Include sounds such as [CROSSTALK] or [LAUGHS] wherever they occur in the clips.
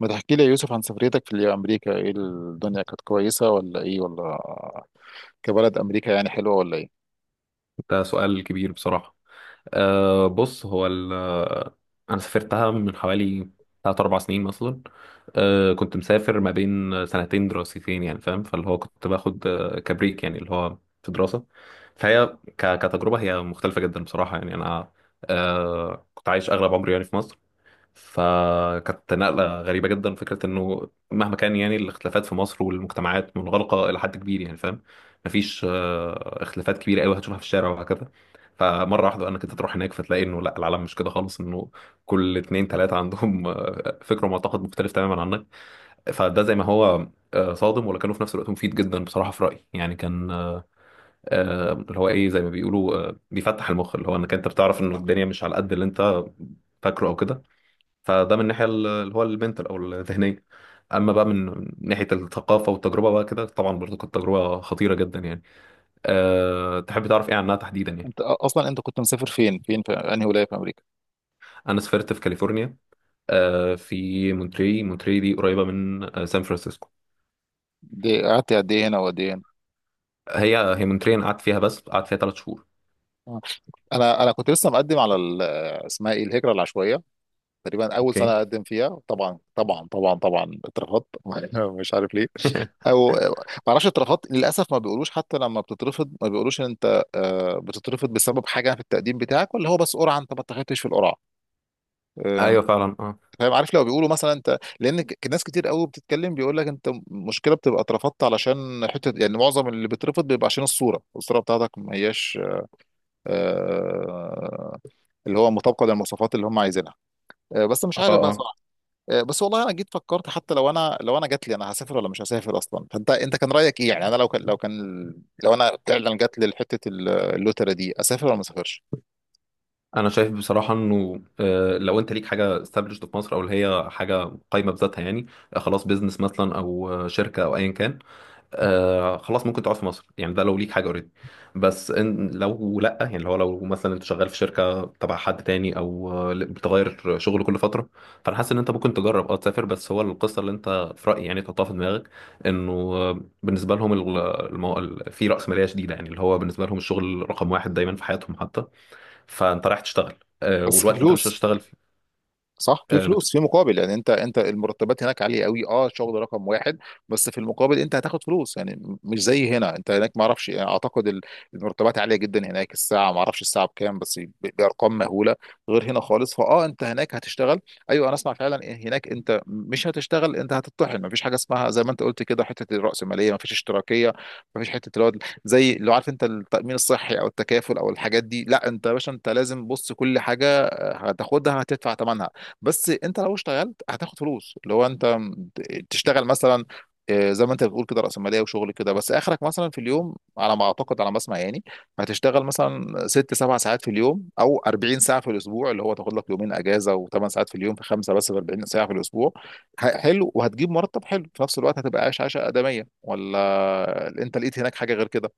ما تحكي لي يا يوسف عن سفريتك في أمريكا، إيه الدنيا كانت كويسة ولا إيه ولا كبلد أمريكا يعني حلوة ولا إيه؟ ده سؤال كبير بصراحة. بص هو ال أنا سافرتها من حوالي تلات أربع سنين مثلا. كنت مسافر ما بين سنتين دراستين، يعني فاهم، فاللي هو كنت باخد كبريك يعني اللي هو في دراسة. فهي كتجربة هي مختلفة جدا بصراحة، يعني أنا كنت عايش أغلب عمري يعني في مصر، فكانت نقلة غريبة جدا. فكرة انه مهما كان يعني الاختلافات في مصر والمجتمعات منغلقة إلى حد كبير، يعني فاهم، مفيش اختلافات كبيرة قوي هتشوفها في الشارع وهكذا. فمرة واحدة انا كنت تروح هناك فتلاقي انه لا، العالم مش كده خالص. انه كل اتنين تلاتة عندهم فكر ومعتقد مختلف تماما عنك. فده زي ما هو صادم، ولكنه في نفس الوقت مفيد جدا بصراحة في رأيي. يعني كان اللي هو ايه زي ما بيقولوا بيفتح المخ، اللي هو انك انت بتعرف انه الدنيا مش على قد اللي انت فاكره او كده. فده من الناحيه اللي هو المنتال او الذهنيه. اما بقى من ناحيه الثقافه والتجربه بقى كده، طبعا برضه كانت تجربه خطيره جدا يعني. تحب تعرف ايه عنها تحديدا يعني؟ أصلا أنت كنت مسافر فين في أنهي ولاية في أمريكا؟ انا سافرت في كاليفورنيا. في مونتري. مونتري دي قريبه من سان فرانسيسكو. دي قعدت قد إيه هنا وقد إيه هنا؟ هي مونتري انا قعدت فيها، بس قعدت فيها ثلاث شهور. آه. أنا كنت لسه مقدم على اسمها إيه الهجرة العشوائية. تقريبا أول سنة اوكي. أقدم فيها، طبعا اترفضت [LAUGHS] مش عارف ليه. [LAUGHS] أو ما أعرفش اترفضت للأسف. ما بيقولوش، حتى لما بتترفض ما بيقولوش إن أنت بتترفض بسبب حاجة في التقديم بتاعك ولا هو بس قرعة أنت ما اتخذتش في القرعة. ايوه فعلا اه. فاهم؟ عارف لو بيقولوا مثلا انت، ناس كتير قوي بتتكلم، بيقول لك انت مشكله بتبقى اترفضت علشان حته، يعني معظم اللي بيترفض بيبقى عشان الصوره، الصوره بتاعتك ما هياش آه، اللي هو مطابقه للمواصفات اللي هم عايزينها. بس مش اه عارف بقى اه. صراحه. بس والله انا جيت فكرت، حتى لو انا، لو انا جات لي انا هسافر ولا مش هسافر اصلا؟ فانت كان رايك ايه يعني؟ انا لو كان، لو انا فعلا جات لي حته اللوتره دي، اسافر ولا ما اسافرش؟ انا شايف بصراحه انه لو انت ليك حاجه established في مصر، او اللي هي حاجه قايمه بذاتها يعني، خلاص بيزنس مثلا او شركه او ايا كان، آه خلاص ممكن تقعد في مصر. يعني ده لو ليك حاجه اوريدي. بس إن لو لا، يعني اللي هو لو مثلا انت شغال في شركه تبع حد تاني، او بتغير شغل كل فتره، فانا حاسس ان انت ممكن تجرب اه تسافر. بس هو القصه اللي انت في رايي يعني تحطها في دماغك، انه بالنسبه لهم في راسماليه شديده، يعني اللي هو بالنسبه لهم الشغل رقم واحد دايما في حياتهم حتى. فانت رايح تشتغل، بس والوقت اللي انت مش فلوس. هتشتغل صح، في فيه فلوس في مقابل، يعني انت المرتبات هناك عاليه قوي. اه، شغل رقم واحد. بس في المقابل انت هتاخد فلوس، يعني مش زي هنا. انت هناك ما اعرفش، يعني اعتقد المرتبات عاليه جدا هناك. الساعه ما اعرفش الساعه بكام، بس بارقام مهوله، غير هنا خالص. فاه، انت هناك هتشتغل. ايوه انا اسمع فعلا، إيه هناك انت مش هتشتغل، انت هتطحن. ما فيش حاجه اسمها زي ما انت قلت كده حته الراسماليه، ما فيش اشتراكيه، ما فيش حته اللي هو زي، لو عارف انت التامين الصحي او التكافل او الحاجات دي، لا، انت يا باشا انت لازم بص كل حاجه هتاخدها هتدفع ثمنها. بس انت لو اشتغلت هتاخد فلوس، اللي هو انت تشتغل مثلا زي ما انت بتقول كده رأسمالية وشغل كده، بس اخرك مثلا في اليوم على ما اعتقد على ما اسمع يعني هتشتغل مثلا ست سبع ساعات في اليوم او 40 ساعة في الاسبوع، اللي هو تاخد لك يومين اجازة وثمان ساعات في اليوم في خمسة، بس في 40 ساعة في الاسبوع. حلو، وهتجيب مرتب حلو في نفس الوقت، هتبقى عايش عيشة آدمية، ولا انت لقيت هناك حاجة غير كده؟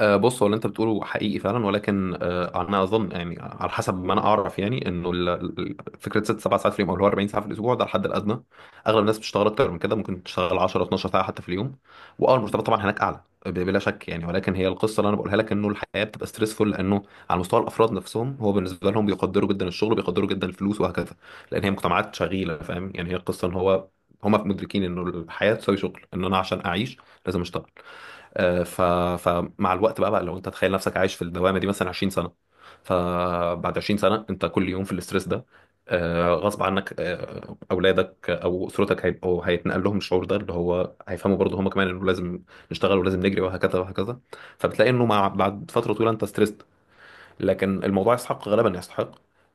بص هو اللي انت بتقوله حقيقي فعلا، ولكن انا اظن يعني على حسب ما انا اعرف يعني، انه فكره ست سبع ساعات في اليوم او اللي هو 40 ساعه في الاسبوع ده الحد الادنى. اغلب الناس بتشتغل اكتر من كده، ممكن تشتغل 10 12 ساعه حتى في اليوم. واه المرتبات طبعا هناك اعلى بلا شك يعني، ولكن هي القصه اللي انا بقولها لك، انه الحياه بتبقى ستريسفول. لانه على مستوى الافراد نفسهم، هو بالنسبه لهم بيقدروا جدا الشغل وبيقدروا جدا الفلوس وهكذا، لان هي مجتمعات شغيله، فاهم يعني. هي القصه ان هو هما مدركين انه الحياه تساوي شغل. ان انا عشان اعيش لازم اشتغل. آه، ف... فمع الوقت بقى, بقى لو انت تخيل نفسك عايش في الدوامه دي مثلا 20 سنه، فبعد 20 سنه انت كل يوم في الاسترس ده. غصب عنك اولادك او اسرتك هيبقوا هيتنقل لهم الشعور ده، اللي هو هيفهموا برضه هم كمان انه لازم نشتغل ولازم نجري وهكذا وهكذا. فبتلاقي انه مع بعد فتره طويله انت ستريس. لكن الموضوع يستحق، غالبا يستحق،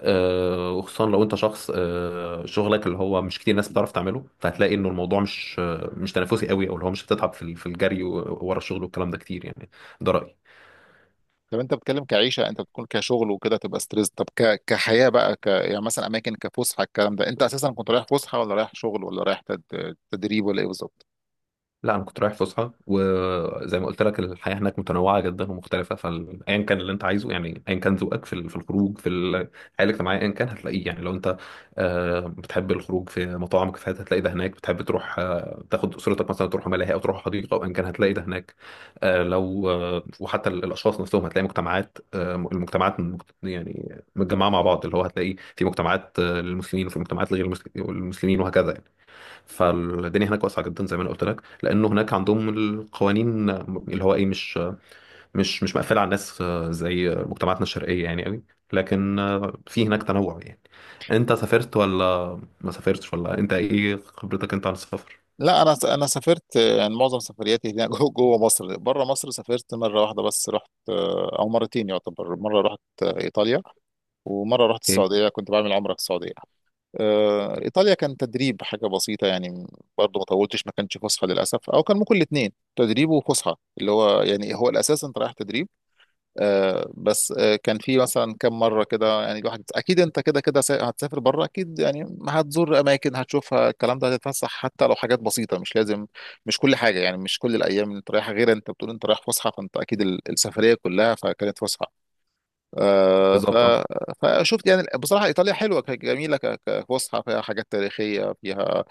وخصوصا لو انت شخص شغلك اللي هو مش كتير ناس بتعرف تعمله، فهتلاقي انه الموضوع مش مش تنافسي قوي، او اللي هو مش هتتعب في في الجري ورا الشغل والكلام ده كتير يعني. ده رأيي. طب انت بتتكلم كعيشه، انت بتكون كشغل وكده تبقى ستريس، طب كحياه بقى يعني مثلا اماكن كفسحه الكلام ده، انت اساسا كنت رايح فسحه، ولا رايح شغل، ولا رايح تدريب، ولا ايه بالظبط؟ لا انا كنت رايح فسحه، وزي ما قلت لك الحياه هناك متنوعه جدا ومختلفه، فايا كان اللي انت عايزه، يعني ايا كان ذوقك في في الخروج في الحياه الاجتماعيه ايا كان هتلاقيه يعني. لو انت بتحب الخروج في مطاعم وكافيهات هتلاقي ده هناك. بتحب تروح تاخد اسرتك مثلا تروح ملاهي او تروح حديقه او ايا كان هتلاقي ده هناك. آه، لو آه، وحتى الاشخاص نفسهم هتلاقي مجتمعات المجتمعات يعني متجمعه مع بعض، اللي هو هتلاقي في مجتمعات للمسلمين وفي مجتمعات لغير المسلمين وهكذا. فالدنيا هناك واسعه جدا، زي ما انا قلت لك، لانه هناك عندهم القوانين اللي هو ايه مش مقفله على الناس زي مجتمعاتنا الشرقيه يعني قوي. لكن في هناك تنوع يعني. انت سافرت ولا ما سافرتش، ولا انت ايه خبرتك انت عن السفر لا، انا انا سافرت يعني معظم سفرياتي هنا [LAUGHS] جوه مصر. بره مصر سافرت مره واحده بس، رحت او مرتين يعتبر. مره رحت ايطاليا، ومره رحت ايه السعوديه، كنت بعمل عمره في السعوديه. ايطاليا كان تدريب، حاجه بسيطه يعني، برضه ما طولتش، ما كانش فسحه للاسف، او كان ممكن الاثنين تدريب وفسحه، اللي هو يعني هو الاساس انت رايح تدريب. بس كان في مثلا كم مره كده يعني، الواحد اكيد انت كده كده هتسافر بره اكيد، يعني هتزور اماكن، هتشوفها الكلام ده، هتتفسح حتى لو حاجات بسيطه، مش لازم مش كل حاجه، يعني مش كل الايام انت رايح غير انت بتقول انت رايح فسحه، فانت اكيد السفريه كلها فكانت فسحه. آه، ف... بالظبط؟ اه فشفت يعني بصراحة إيطاليا حلوة، جميلة كفسحة، فيها حاجات تاريخية، فيها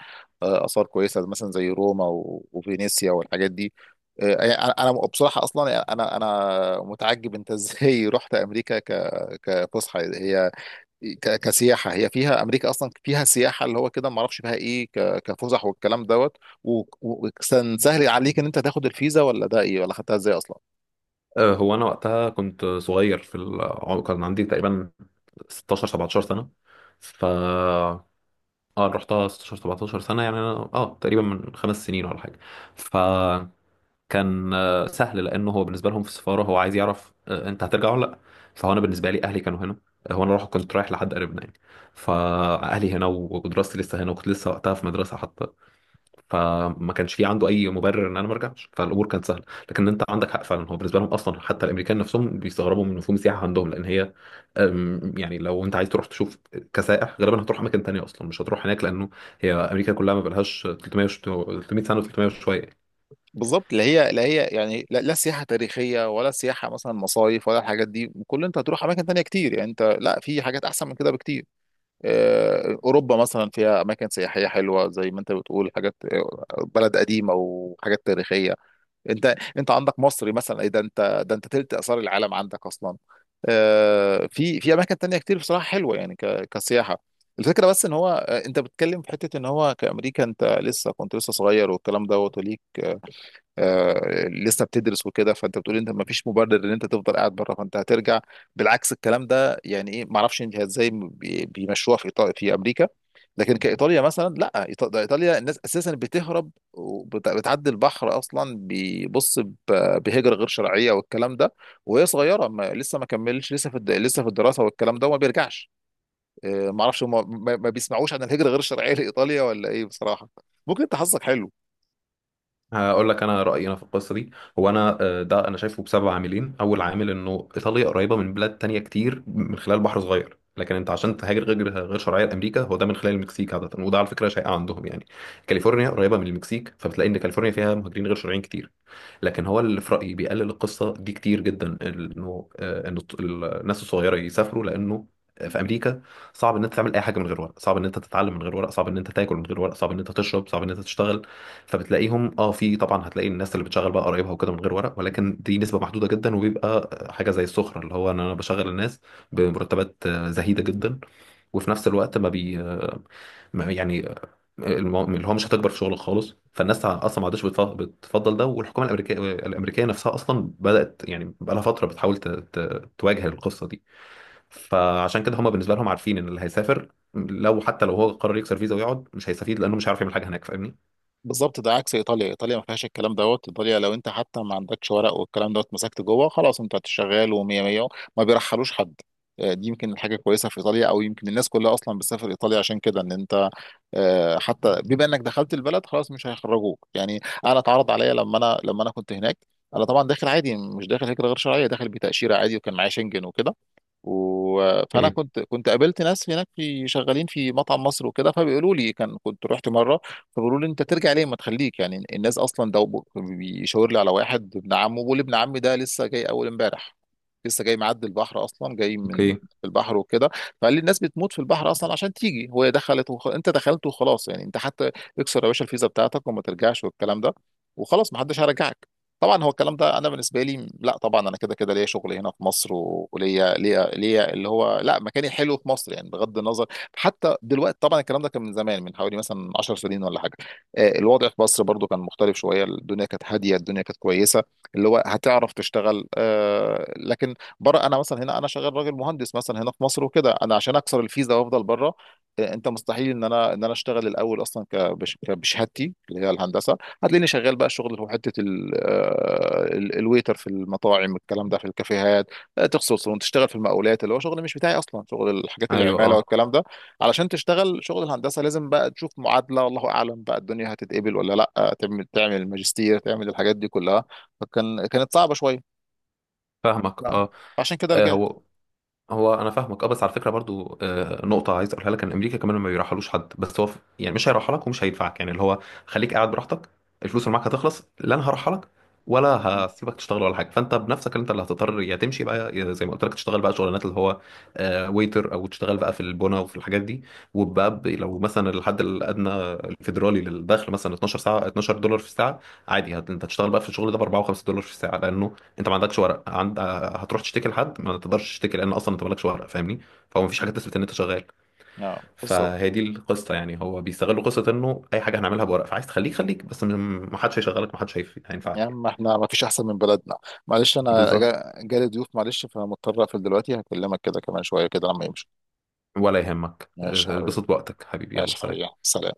آثار كويسة، مثلا زي روما وفينيسيا والحاجات دي. يعني أنا بصراحة أصلا، يعني أنا متعجب أنت إزاي [LAUGHS] رحت أمريكا كفسحة هي، كسياحة هي. فيها أمريكا أصلا فيها سياحة اللي هو كده؟ ما أعرفش فيها إيه كفسح والكلام دوت. و... و... وكان سهل عليك إن أنت تاخد الفيزا، ولا ده إيه، ولا خدتها إزاي أصلا؟ هو انا وقتها كنت صغير في كان عندي تقريبا 16 17 سنه. ف اه رحتها 16 17 سنه، يعني انا اه تقريبا من خمس سنين ولا حاجه. ف كان سهل، لانه هو بالنسبه لهم في السفاره هو عايز يعرف انت هترجع ولا لا. فهو انا بالنسبه لي اهلي كانوا هنا، هو انا رايح كنت رايح لحد قريبنا يعني، فاهلي هنا ودراستي لسه هنا وكنت لسه وقتها في مدرسه حتى، فما كانش في عنده اي مبرر ان انا ما ارجعش. فالامور كانت سهله. لكن انت عندك حق فعلا، هو بالنسبه لهم اصلا حتى الامريكان نفسهم بيستغربوا من مفهوم السياحه عندهم، لان هي يعني لو انت عايز تروح تشوف كسائح غالبا هتروح اماكن تانية اصلا، مش هتروح هناك، لانه هي امريكا كلها ما بقالهاش 300 300 سنه و300 وشويه. بالظبط، اللي هي يعني لا, لا سياحه تاريخيه، ولا سياحه مثلا مصايف، ولا الحاجات دي. كل انت هتروح اماكن تانية كتير، يعني انت لا، في حاجات احسن من كده بكتير. اوروبا مثلا فيها اماكن سياحيه حلوه، زي ما انت بتقول حاجات بلد قديمه وحاجات تاريخيه. انت عندك مصر مثلا، ايه ده، انت تلت اثار العالم عندك اصلا. في في اماكن تانية كتير بصراحه حلوه يعني كسياحه. الفكرة بس ان هو انت بتتكلم في حتة ان هو كأمريكا، انت لسه، كنت لسه صغير والكلام دوت، وليك لسه بتدرس وكده، فانت بتقول انت ما فيش مبرر ان انت تفضل قاعد بره، فانت هترجع. بالعكس الكلام ده، يعني ايه، ما اعرفش انت ازاي بيمشوها في إيطاليا في امريكا. لكن كايطاليا مثلا لا، ده ايطاليا الناس اساسا بتهرب وبتعدي البحر اصلا، بيبص بهجره غير شرعيه والكلام ده، وهي صغيره ما لسه، ما كملش، لسه في لسه في الدراسه والكلام ده وما بيرجعش. ما اعرفش هم ما بيسمعوش عن الهجره غير الشرعيه لايطاليا ولا ايه بصراحه؟ ممكن انت حظك حلو. هقول لك انا رايي انا في القصه دي. هو انا ده انا شايفه بسبب عاملين. اول عامل انه ايطاليا قريبه من بلاد تانية كتير من خلال بحر صغير، لكن انت عشان تهاجر غير شرعيه لامريكا هو ده من خلال المكسيك عاده، وده على فكره شائع عندهم يعني. كاليفورنيا قريبه من المكسيك، فبتلاقي ان كاليفورنيا فيها مهاجرين غير شرعيين كتير. لكن هو اللي في رأيي بيقلل القصة دي كتير جدا، انه ان الناس الصغيرة يسافروا، لانه في امريكا صعب ان انت تعمل اي حاجه من غير ورق، صعب ان انت تتعلم من غير ورق، صعب ان انت تاكل من غير ورق، صعب ان انت تشرب، صعب ان انت تشتغل. فبتلاقيهم اه في، طبعا هتلاقي الناس اللي بتشغل بقى قرايبها وكده من غير ورق، ولكن دي نسبه محدوده جدا، وبيبقى حاجه زي السخره، اللي هو ان انا بشغل الناس بمرتبات زهيده جدا، وفي نفس الوقت ما بي آه، ما- يعني اللي هو مش هتكبر في شغلك خالص. فالناس اصلا ما عادش بتفضل ده. والحكومه الامريكيه نفسها اصلا بدات، يعني بقى لها فتره بتحاول تواجه القصه دي. فعشان كده هم بالنسبه لهم عارفين ان اللي هيسافر لو حتى لو هو قرر يكسر فيزا ويقعد مش هيستفيد، لانه مش هيعرف يعمل حاجه هناك، فاهمني. بالظبط، ده عكس ايطاليا، ايطاليا ما فيهاش الكلام دوت. ايطاليا لو انت حتى ما عندكش ورق والكلام دوت، مسكت جوه خلاص، انت شغال ومية مية، ما بيرحلوش حد. دي يمكن الحاجه كويسه في ايطاليا، او يمكن الناس كلها اصلا بتسافر ايطاليا عشان كده. ان انت حتى بما انك دخلت البلد خلاص مش هيخرجوك، يعني انا اتعرض عليا لما انا، لما انا كنت هناك. انا طبعا داخل عادي، مش داخل هجره غير شرعيه، داخل بتاشيره عادي وكان معايا شنجن وكده فانا اوكي. كنت قابلت ناس هناك في شغالين في مطعم مصر وكده، فبيقولوا لي، كان كنت رحت مره، فبيقولوا لي انت ترجع ليه، ما تخليك، يعني الناس اصلا، ده بيشاور لي على واحد ابن عمه، بيقول لي ابن عمي ده لسه جاي اول امبارح، لسه جاي معدي البحر اصلا، جاي من اوكي. البحر وكده. فقال لي الناس بتموت في البحر اصلا عشان تيجي، هو دخلت انت دخلت وخلاص، يعني انت حتى اكسر يا باشا الفيزا بتاعتك وما ترجعش والكلام ده، وخلاص ما حدش هيرجعك. طبعا هو الكلام ده انا بالنسبه لي لا، طبعا انا كده كده ليا شغل هنا في مصر وليا ليا اللي هو لا، مكاني حلو في مصر يعني بغض النظر. حتى دلوقتي، طبعا الكلام ده كان من زمان، من حوالي مثلا 10 سنين ولا حاجه. الوضع في مصر برضو كان مختلف شويه، الدنيا كانت هاديه، الدنيا كانت كويسه، اللي هو هتعرف تشتغل. لكن بره، انا مثلا هنا انا شغال راجل مهندس مثلا هنا في مصر وكده، انا عشان اكسر الفيزا وافضل بره انت مستحيل ان انا، ان انا اشتغل الاول اصلا بشهادتي اللي هي الهندسه، هتلاقيني شغال بقى شغل في حته الويتر في المطاعم الكلام ده في الكافيهات، تغسل صالون، تشتغل في المقاولات، اللي هو شغل مش بتاعي اصلا، شغل الحاجات ايوه العماله اه. والكلام ده. علشان تشتغل شغل الهندسه لازم بقى تشوف معادله، والله اعلم بقى الدنيا هتتقبل ولا لا، تعمل ماجستير، تعمل الحاجات دي كلها، كانت صعبه شويه. فاهمك لا، اه. عشان كده آه، رجعت. هو هو انا فاهمك اه، بس على فكره برضو نقطه عايز اقولها لك، ان امريكا كمان ما بيرحلوش حد، بس هو يعني مش هيرحلك لك ومش هيدفعك، يعني اللي هو خليك قاعد براحتك، الفلوس اللي معاك هتخلص، لا انا هرحلك لك ولا هسيبك تشتغل ولا حاجه. فانت بنفسك انت اللي هتضطر يا تمشي بقى، يا زي ما قلت لك تشتغل بقى شغلانات اللي هو ويتر، او تشتغل بقى في البنا وفي الحاجات دي. وبقى لو مثلا الحد الادنى الفيدرالي للدخل مثلا 12 ساعه 12 دولار في الساعه، عادي انت هتشتغل بقى في الشغل ده ب 4 و5 دولار في الساعه، لانه انت ما عندكش ورق. هتروح تشتكي لحد؟ ما تقدرش تشتكي، لان اصلا انت مالكش ورق، فاهمني. فهو مفيش حاجه تثبت ان انت شغال. اه بالظبط. فهي دي القصه يعني. هو بيستغلوا قصه انه اي حاجه هنعملها بورق، فعايز تخليك. خليك بس، محدش هيشغلك، محدش يا هينفعك يعني. عم احنا ما فيش احسن من بلدنا. معلش انا بالظبط. جالي ضيوف، معلش فمضطر اقفل دلوقتي، هكلمك كده كمان شويه كده لما يمشوا. ولا يهمك ماشي يا اه، حبيبي، اتبسط بوقتك حبيبي، يلا ماشي سلام. حبيبي، سلام.